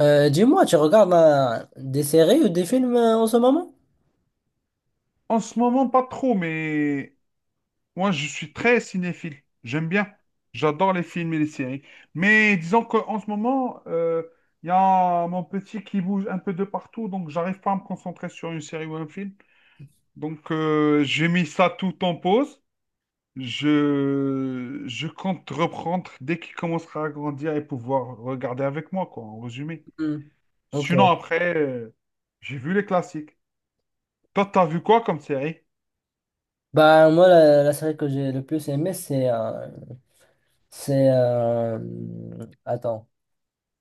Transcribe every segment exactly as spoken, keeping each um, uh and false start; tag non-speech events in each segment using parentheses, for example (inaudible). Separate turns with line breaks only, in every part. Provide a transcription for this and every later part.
Euh, dis-moi, tu regardes euh, des séries ou des films euh, en ce moment?
En ce moment, pas trop, mais moi, je suis très cinéphile. J'aime bien. J'adore les films et les séries. Mais disons qu'en ce moment, euh, il y a mon petit qui bouge un peu de partout, donc j'arrive pas à me concentrer sur une série ou un film. Donc, euh, j'ai mis ça tout en pause. Je, je compte reprendre dès qu'il commencera à grandir et pouvoir regarder avec moi, quoi, en résumé.
Hmm. Ok.
Sinon, après, euh, j'ai vu les classiques. Toi, t'as vu quoi comme série?
Bah moi la, la série que j'ai le plus aimée c'est euh, c'est euh, attends,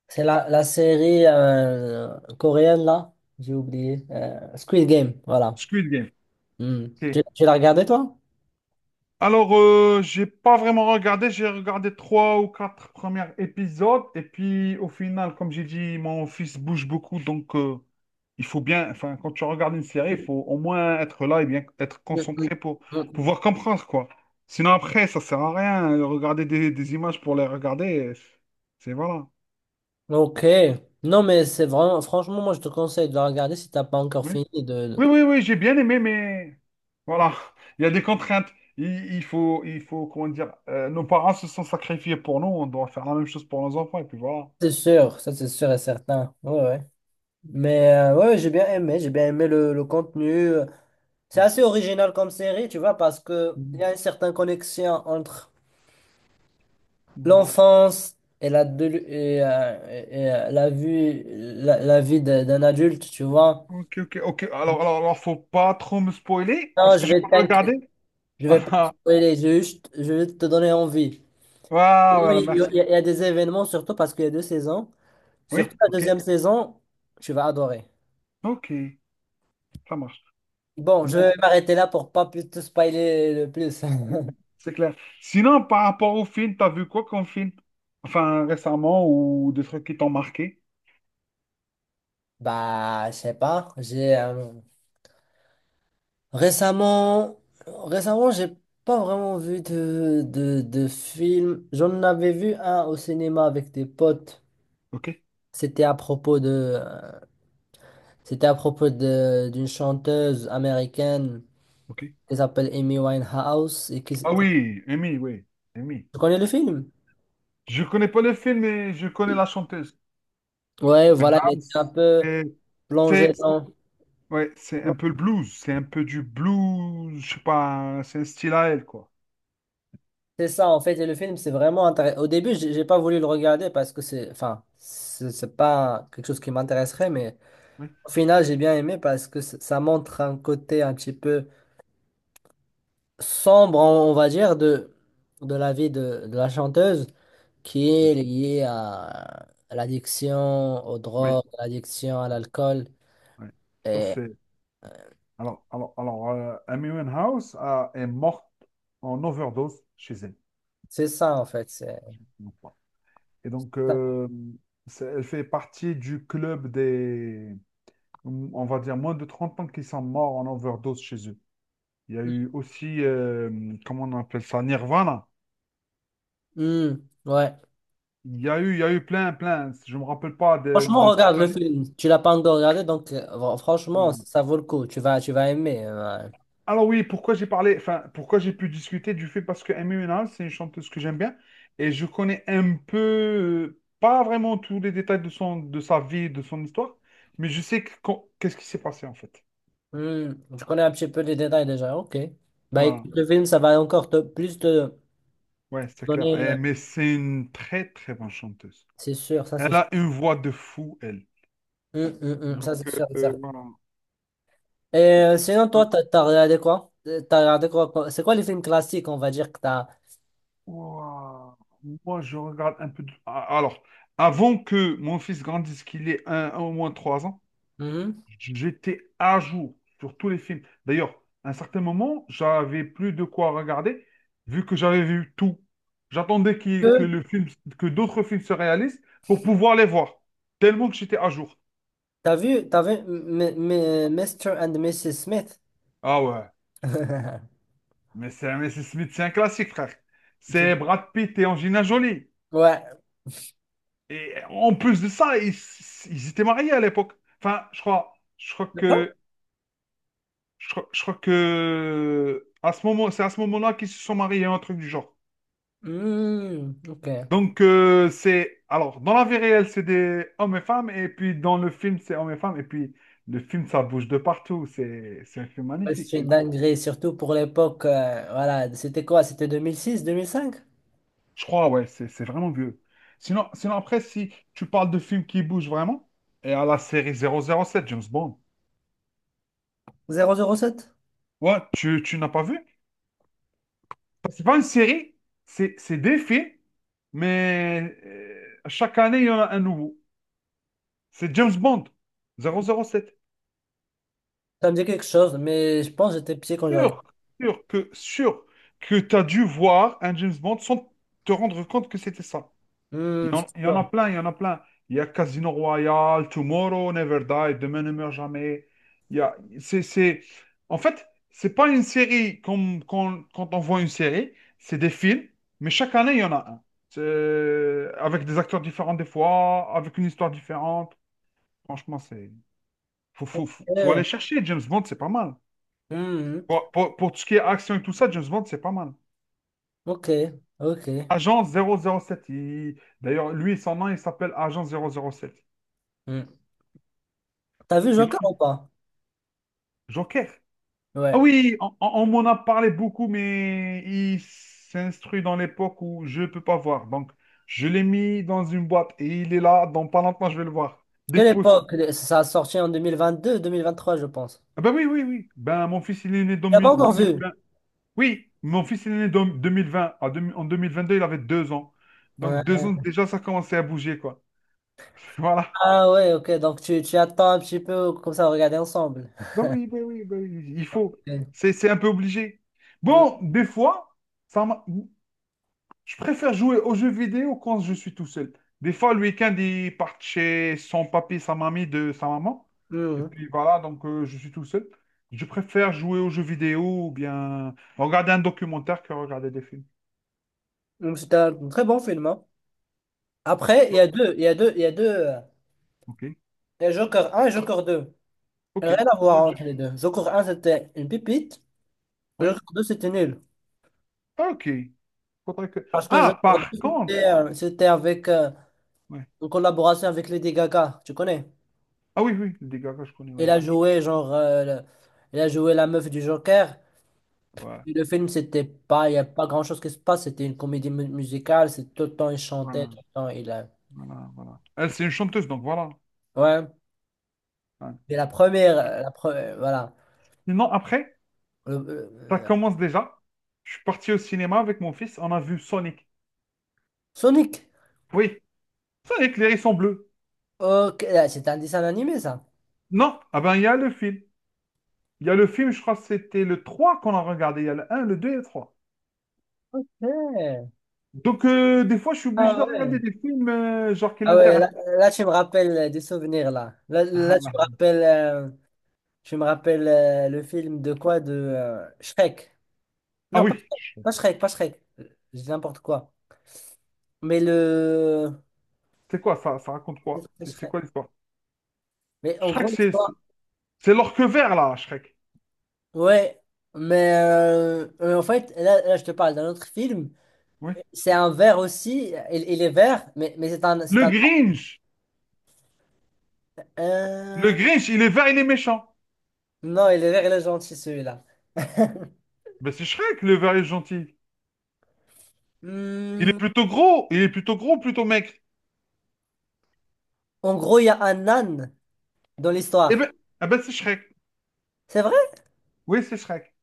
c'est la, la série euh, coréenne là j'ai oublié, euh, Squid Game, voilà.
Squid Game.
Hmm.
Ok.
Tu, tu l'as regardée toi?
Alors, euh, j'ai pas vraiment regardé, j'ai regardé trois ou quatre premiers épisodes, et puis au final, comme j'ai dit, mon fils bouge beaucoup, donc euh, il faut bien, enfin, quand tu regardes une série, il faut au moins être là et bien être
Hmm, hmm,
concentré pour
hmm.
pouvoir comprendre, quoi. Sinon, après, ça sert à rien, euh, regarder des, des images pour les regarder, euh, c'est voilà.
Ok. Non mais c'est vraiment franchement, moi je te conseille de la regarder si t'as pas encore
Oui.
fini de.
Oui, oui, oui, j'ai bien aimé, mais voilà, il y a des contraintes. Il, il faut, il faut, comment dire, euh, nos parents se sont sacrifiés pour nous, on doit faire la même chose pour nos enfants, et puis voilà.
C'est sûr, ça c'est sûr et certain. Ouais, ouais. Mais euh, ouais, j'ai bien aimé, j'ai bien aimé le, le contenu. C'est assez original comme série, tu vois, parce que il y
Mhm,
a une certaine connexion entre
mhm.
l'enfance et la, de- et, euh, et, et, euh, la vie, la, la vie de- d'un adulte, tu vois.
Ok, ok, ok. Alors, alors, alors, faut pas trop me spoiler,
Non,
parce
je
que j'ai
vais
pas
t'inquiéter,
regardé.
je vais pas te
(laughs)
spoiler, je vais juste, je vais te donner envie.
Ah, ah, voilà,
Oui, il y a, il y
merci.
a, il y a des événements, surtout parce qu'il y a deux saisons.
Oui,
Surtout la
ok,
deuxième saison, tu vas adorer.
ok, ça marche.
Bon, je
Bon,
vais m'arrêter là pour pas plus te spoiler le plus. (laughs)
c'est clair. Sinon, par rapport au film, t'as vu quoi comme film? Enfin, récemment, ou des trucs qui t'ont marqué?
Bah, je sais pas. J'ai euh, récemment, récemment, j'ai pas vraiment vu de, de, de film. J'en avais vu un au cinéma avec des potes.
Ok,
C'était à propos de, euh, c'était à propos de d'une chanteuse américaine
ok.
qui s'appelle Amy Winehouse et qui.
Ah oui, Amy, oui, Amy.
Tu connais le film?
Je connais pas le film, mais je connais la chanteuse.
Ouais, voilà, il était un
Winehouse.
peu
Et
plongé
C'est c'est-
dans.
ouais, c'est un peu le blues, c'est un peu du blues, je sais pas, c'est un style à elle, quoi.
C'est ça en fait, et le film c'est vraiment intéressant. Au début, j'ai j'ai pas voulu le regarder parce que c'est, enfin, c'est c'est pas quelque chose qui m'intéresserait, mais
Oui,
au final j'ai bien aimé parce que c- ça montre un côté un petit peu sombre, on on va dire, de, de la vie de, de la chanteuse qui
oui,
est liée à, à l'addiction aux
oui.
drogues, à l'addiction à l'alcool,
Oui. Ça,
et
c'est... Alors, alors, alors euh, Amy Winehouse a- est morte en overdose chez elle.
c'est ça en fait. C'est
Je ne me trompe pas. Et donc,
ça.
euh, c'est- elle fait partie du club des, on va dire, moins de trente ans qui sont morts en overdose chez eux. Il y a eu aussi, euh, comment on appelle ça, Nirvana.
Hmm, ouais.
Il y a eu, il y a eu plein, plein. Je me rappelle pas de,
Franchement,
de toute
regarde
la
le
liste.
film. Tu l'as pas encore regardé, donc euh, fr- franchement,
Hum.
ça vaut le coup. Tu vas, tu vas aimer. Euh, ouais.
Alors oui, pourquoi j'ai parlé, enfin, pourquoi j'ai pu discuter du fait parce que Amy Winehouse, c'est une chanteuse que j'aime bien et je connais un peu, euh, pas vraiment tous les détails de son, de sa vie, de son histoire, mais je sais que quand- qu'est-ce qui s'est passé en fait.
Hmm, je connais un petit peu les détails déjà. Ok. Bah
Voilà.
écoute, le film, ça va encore te- plus te
Ouais, c'est clair.
donner. euh,
Eh, mais c'est une très, très bonne chanteuse.
C'est sûr, ça c'est
Elle
sûr.
a une voix de fou, elle.
Hmm, hmm,
Et
hmm,
donc,
ça c'est
euh,
sûr. C'est sûr.
euh, voilà.
Et euh, sinon, toi, t'as, t'as regardé quoi? Euh, T'as regardé quoi? quoi C'est quoi les films classiques, on va dire, que t'as.
Ouah, moi, je regarde un peu. de- Ah, alors, avant que mon fils grandisse, qu'il ait un, un ou moins trois ans,
Mhm.
j'étais à jour sur tous les films. D'ailleurs, à un certain moment, j'avais plus de quoi regarder, vu que j'avais vu tout. J'attendais qu'il- que
Que-
le film, que d'autres films se réalisent pour pouvoir les voir. Tellement que j'étais à jour.
T'as vu, t'as vu M- M- M- monsieur and madame Smith?
Ah ouais,
(laughs)
mais c'est mais c'est Smith, c'est un classique, frère.
Je-
C'est Brad Pitt et Angelina Jolie.
Ouais.
Et en plus de ça, ils, ils étaient mariés à l'époque. Enfin, je crois, je crois que, je crois, je crois que à ce moment, c'est à ce moment-là qu'ils se sont mariés, un truc du genre.
Hmm, ok.
Donc euh, c'est, alors, dans la vie réelle, c'est des hommes et femmes, et puis dans le film, c'est hommes et femmes, et puis le film, ça bouge de partout. C'est, c'est un film
Ouais,
magnifique,
c'est une
celui-là.
dinguerie, surtout pour l'époque. Euh, voilà, c'était quoi? C'était deux deux mille mille six deux mille cinq
Je crois, ouais, c'est, c'est vraiment vieux. Sinon, sinon après, si tu parles de films qui bougent vraiment, et à la série zéro zéro sept, James Bond,
zéro zéro sept.
ouais, tu, tu n'as pas vu? C'est pas une série, c'est c'est des films, mais euh, chaque année, il y en a un nouveau. C'est James Bond, zéro zéro sept.
Ça me dit quelque chose, mais je pense que j'étais pied quand j'arrive.
Sûr, sûr que, sûr que tu as dû voir un James Bond sans te rendre compte que c'était ça. Il
Hmm,
y
c'est
en, il y en a
sûr.
plein, il y en a plein. Il y a Casino Royale, Tomorrow Never Die, Demain ne meurt jamais. Il y a, c'est, c'est... En fait, c'est pas une série comme quand, quand on voit une série, c'est des films, mais chaque année, il y en a un. C'est- Avec des acteurs différents des fois, avec une histoire différente. Franchement, c'est... Faut, faut, faut, faut
Eh,
aller chercher. James Bond, c'est pas mal.
hmm,
Pour, pour, pour tout ce qui est action et tout ça, James Bond, c'est pas mal.
ok, ok.
Agent zéro zéro sept, il- d'ailleurs, lui, son nom, il s'appelle Agent zéro zéro sept.
Hmm. T'as vu Joker
Sinon,
ou pas?
Joker. Ah
Ouais.
oui, on, on- on m'en a parlé beaucoup, mais il s'instruit dans l'époque où je ne peux pas voir. Donc, je l'ai mis dans une boîte et il est là. Dans pas longtemps, je vais le voir. Dès
Quelle
que possible.
époque? Ça a sorti en deux mille vingt-deux, deux mille vingt-trois, je pense.
Ah ben oui, oui, oui. Ben, mon fils, il est né dans
T'as pas
mi-
encore
deux mille
vu?
vingt. Oui, mon fils, il est né dans deux mille vingt. En deux mille en deux mille vingt-deux, il avait deux ans. Donc,
Ouais.
deux ans, déjà, ça commençait à bouger, quoi. (laughs) Voilà.
Ah ouais, ok, donc tu, tu attends un petit peu, comme ça, on regarder ensemble.
Ben oui, ben oui, ben oui, il faut.
Ok.
C'est, c'est un peu obligé.
Hmm,
Bon, des fois, ça m'a- je préfère jouer aux jeux vidéo quand je suis tout seul. Des fois, le week-end, ils partent chez son papy, sa mamie, de sa maman. Et
hmm.
puis voilà, donc euh, je suis tout seul. Je préfère jouer aux jeux vidéo ou bien regarder un documentaire que regarder des films.
Hmm, c'était un très bon film, hein. Après, il y
Oh,
a deux, il y a deux, il y a deux. Euh,
ok,
Il y a Joker un et Joker deux.
ok.
Rien à voir
Faudrait que je-
entre les deux. Joker un c'était une pipite. Joker
Ouais.
deux c'était nul.
Ah, ok. Faudrait que...
Parce que je
Ah,
regardais,
par contre.
c'était euh, c'était avec euh,
Ouais.
en collaboration avec Lady Gaga, tu connais?
Ah oui, oui, le dégât que je connais.
Elle
Ouais.
a joué genre euh, le- elle a joué la meuf du Joker.
Ouais.
Et le film c'était pas, il y a pas grand-chose qui se passe, c'était une comédie mu- musicale, c'est tout le temps il chantait,
Voilà,
tout le temps il euh,
voilà, voilà. Elle, c'est une chanteuse, donc voilà.
ouais.
Ouais.
Et la première euh, la pre- euh, voilà,
Sinon, après,
Le-
ça
le-
commence déjà. Je suis parti au cinéma avec mon fils, on a vu Sonic.
Sonic.
Oui, Sonic, les sont bleus.
OK, là, c'est un dessin animé ça.
Non, ah ben il y a le film. Il y a le film, je crois que c'était le trois qu'on a regardé. Il y a le un, le deux et le trois.
Ouais.
Donc euh, des fois, je suis obligé de
Ah ouais.
regarder des films euh, genre qui
Ah ouais, là,
l'intéressent.
là, tu me rappelles euh, des souvenirs là. Là, là,
Ah
tu me rappelles euh, je me rappelle euh, le film de quoi? De euh, Shrek.
ah
Non,
oui,
pas Shrek, pas Shrek, pas Shrek. Euh, Je dis n'importe quoi. Mais le...
c'est quoi ça? Ça raconte
peut-être
quoi?
pas
C'est c'est
Shrek.
quoi l'histoire?
Mais en
Shrek,
gros,
c'est c'est-
l'histoire...
c'est l'orque vert là, Shrek.
Ouais. Mais euh, euh, en fait, là, là, je te parle d'un autre film.
Oui.
C'est un vert aussi. Il, il est vert, mais, mais c'est un... C'est
Le
un...
Grinch. Le
Euh,
Grinch, il est vert, il est méchant.
Non, il est vert, il est gentil, celui-là.
Ben c'est Shrek, le vert est gentil. Il
Hmm,
est plutôt gros, il est plutôt gros, plutôt maigre.
en gros, il y a un âne dans
Eh ben,
l'histoire.
eh ben, c'est Shrek.
C'est vrai?
Oui, c'est Shrek.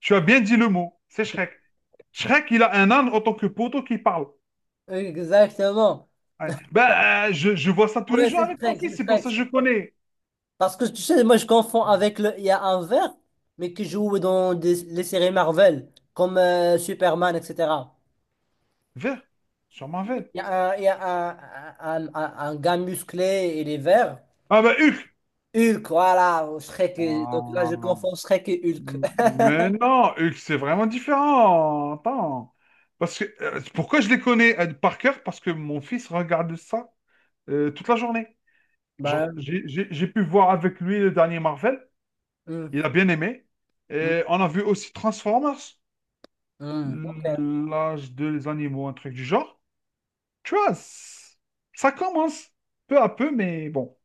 Tu as bien dit le mot. C'est Shrek. Shrek, il a un âne en tant que poteau qui parle.
Exactement.
Ouais. Ben, euh, je, je vois ça tous les
Ouais,
jours
c'est
avec mon
Shrek,
fils.
c'est
C'est pour
Shrek.
ça que je connais.
Parce que tu sais, moi je confonds avec le. Il y a un vert, mais qui joue dans des- les séries Marvel, comme euh, Superman, et cetera.
Vert. Sur Marvel.
Il y a un, il y a un, un, un, un- un gars musclé, il est vert.
Ah ben, Hulk.
Hulk, voilà, Shrek. et- Donc là, je
Ah.
confonds Shrek et Hulk. (laughs)
Mais non, Hulk, c'est vraiment différent. Attends. Parce que, euh, pourquoi je les connais euh, par cœur? Parce que mon fils regarde ça euh, toute la journée. Genre,
Ben,
j'ai j'ai- j'ai pu voir avec lui le dernier Marvel.
hum,
Il a bien aimé.
hum,
Et on a vu aussi Transformers,
hum. Ok,
l'âge des animaux, un truc du genre. Tu vois, c- ça commence peu à peu, mais bon.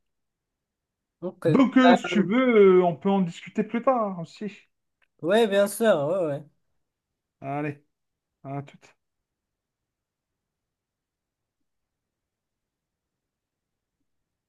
ok.
Donc, euh,
Ben,
si tu veux, euh, on peut en discuter plus tard aussi.
ouais, bien sûr, ouais, ouais.
Allez, à tout.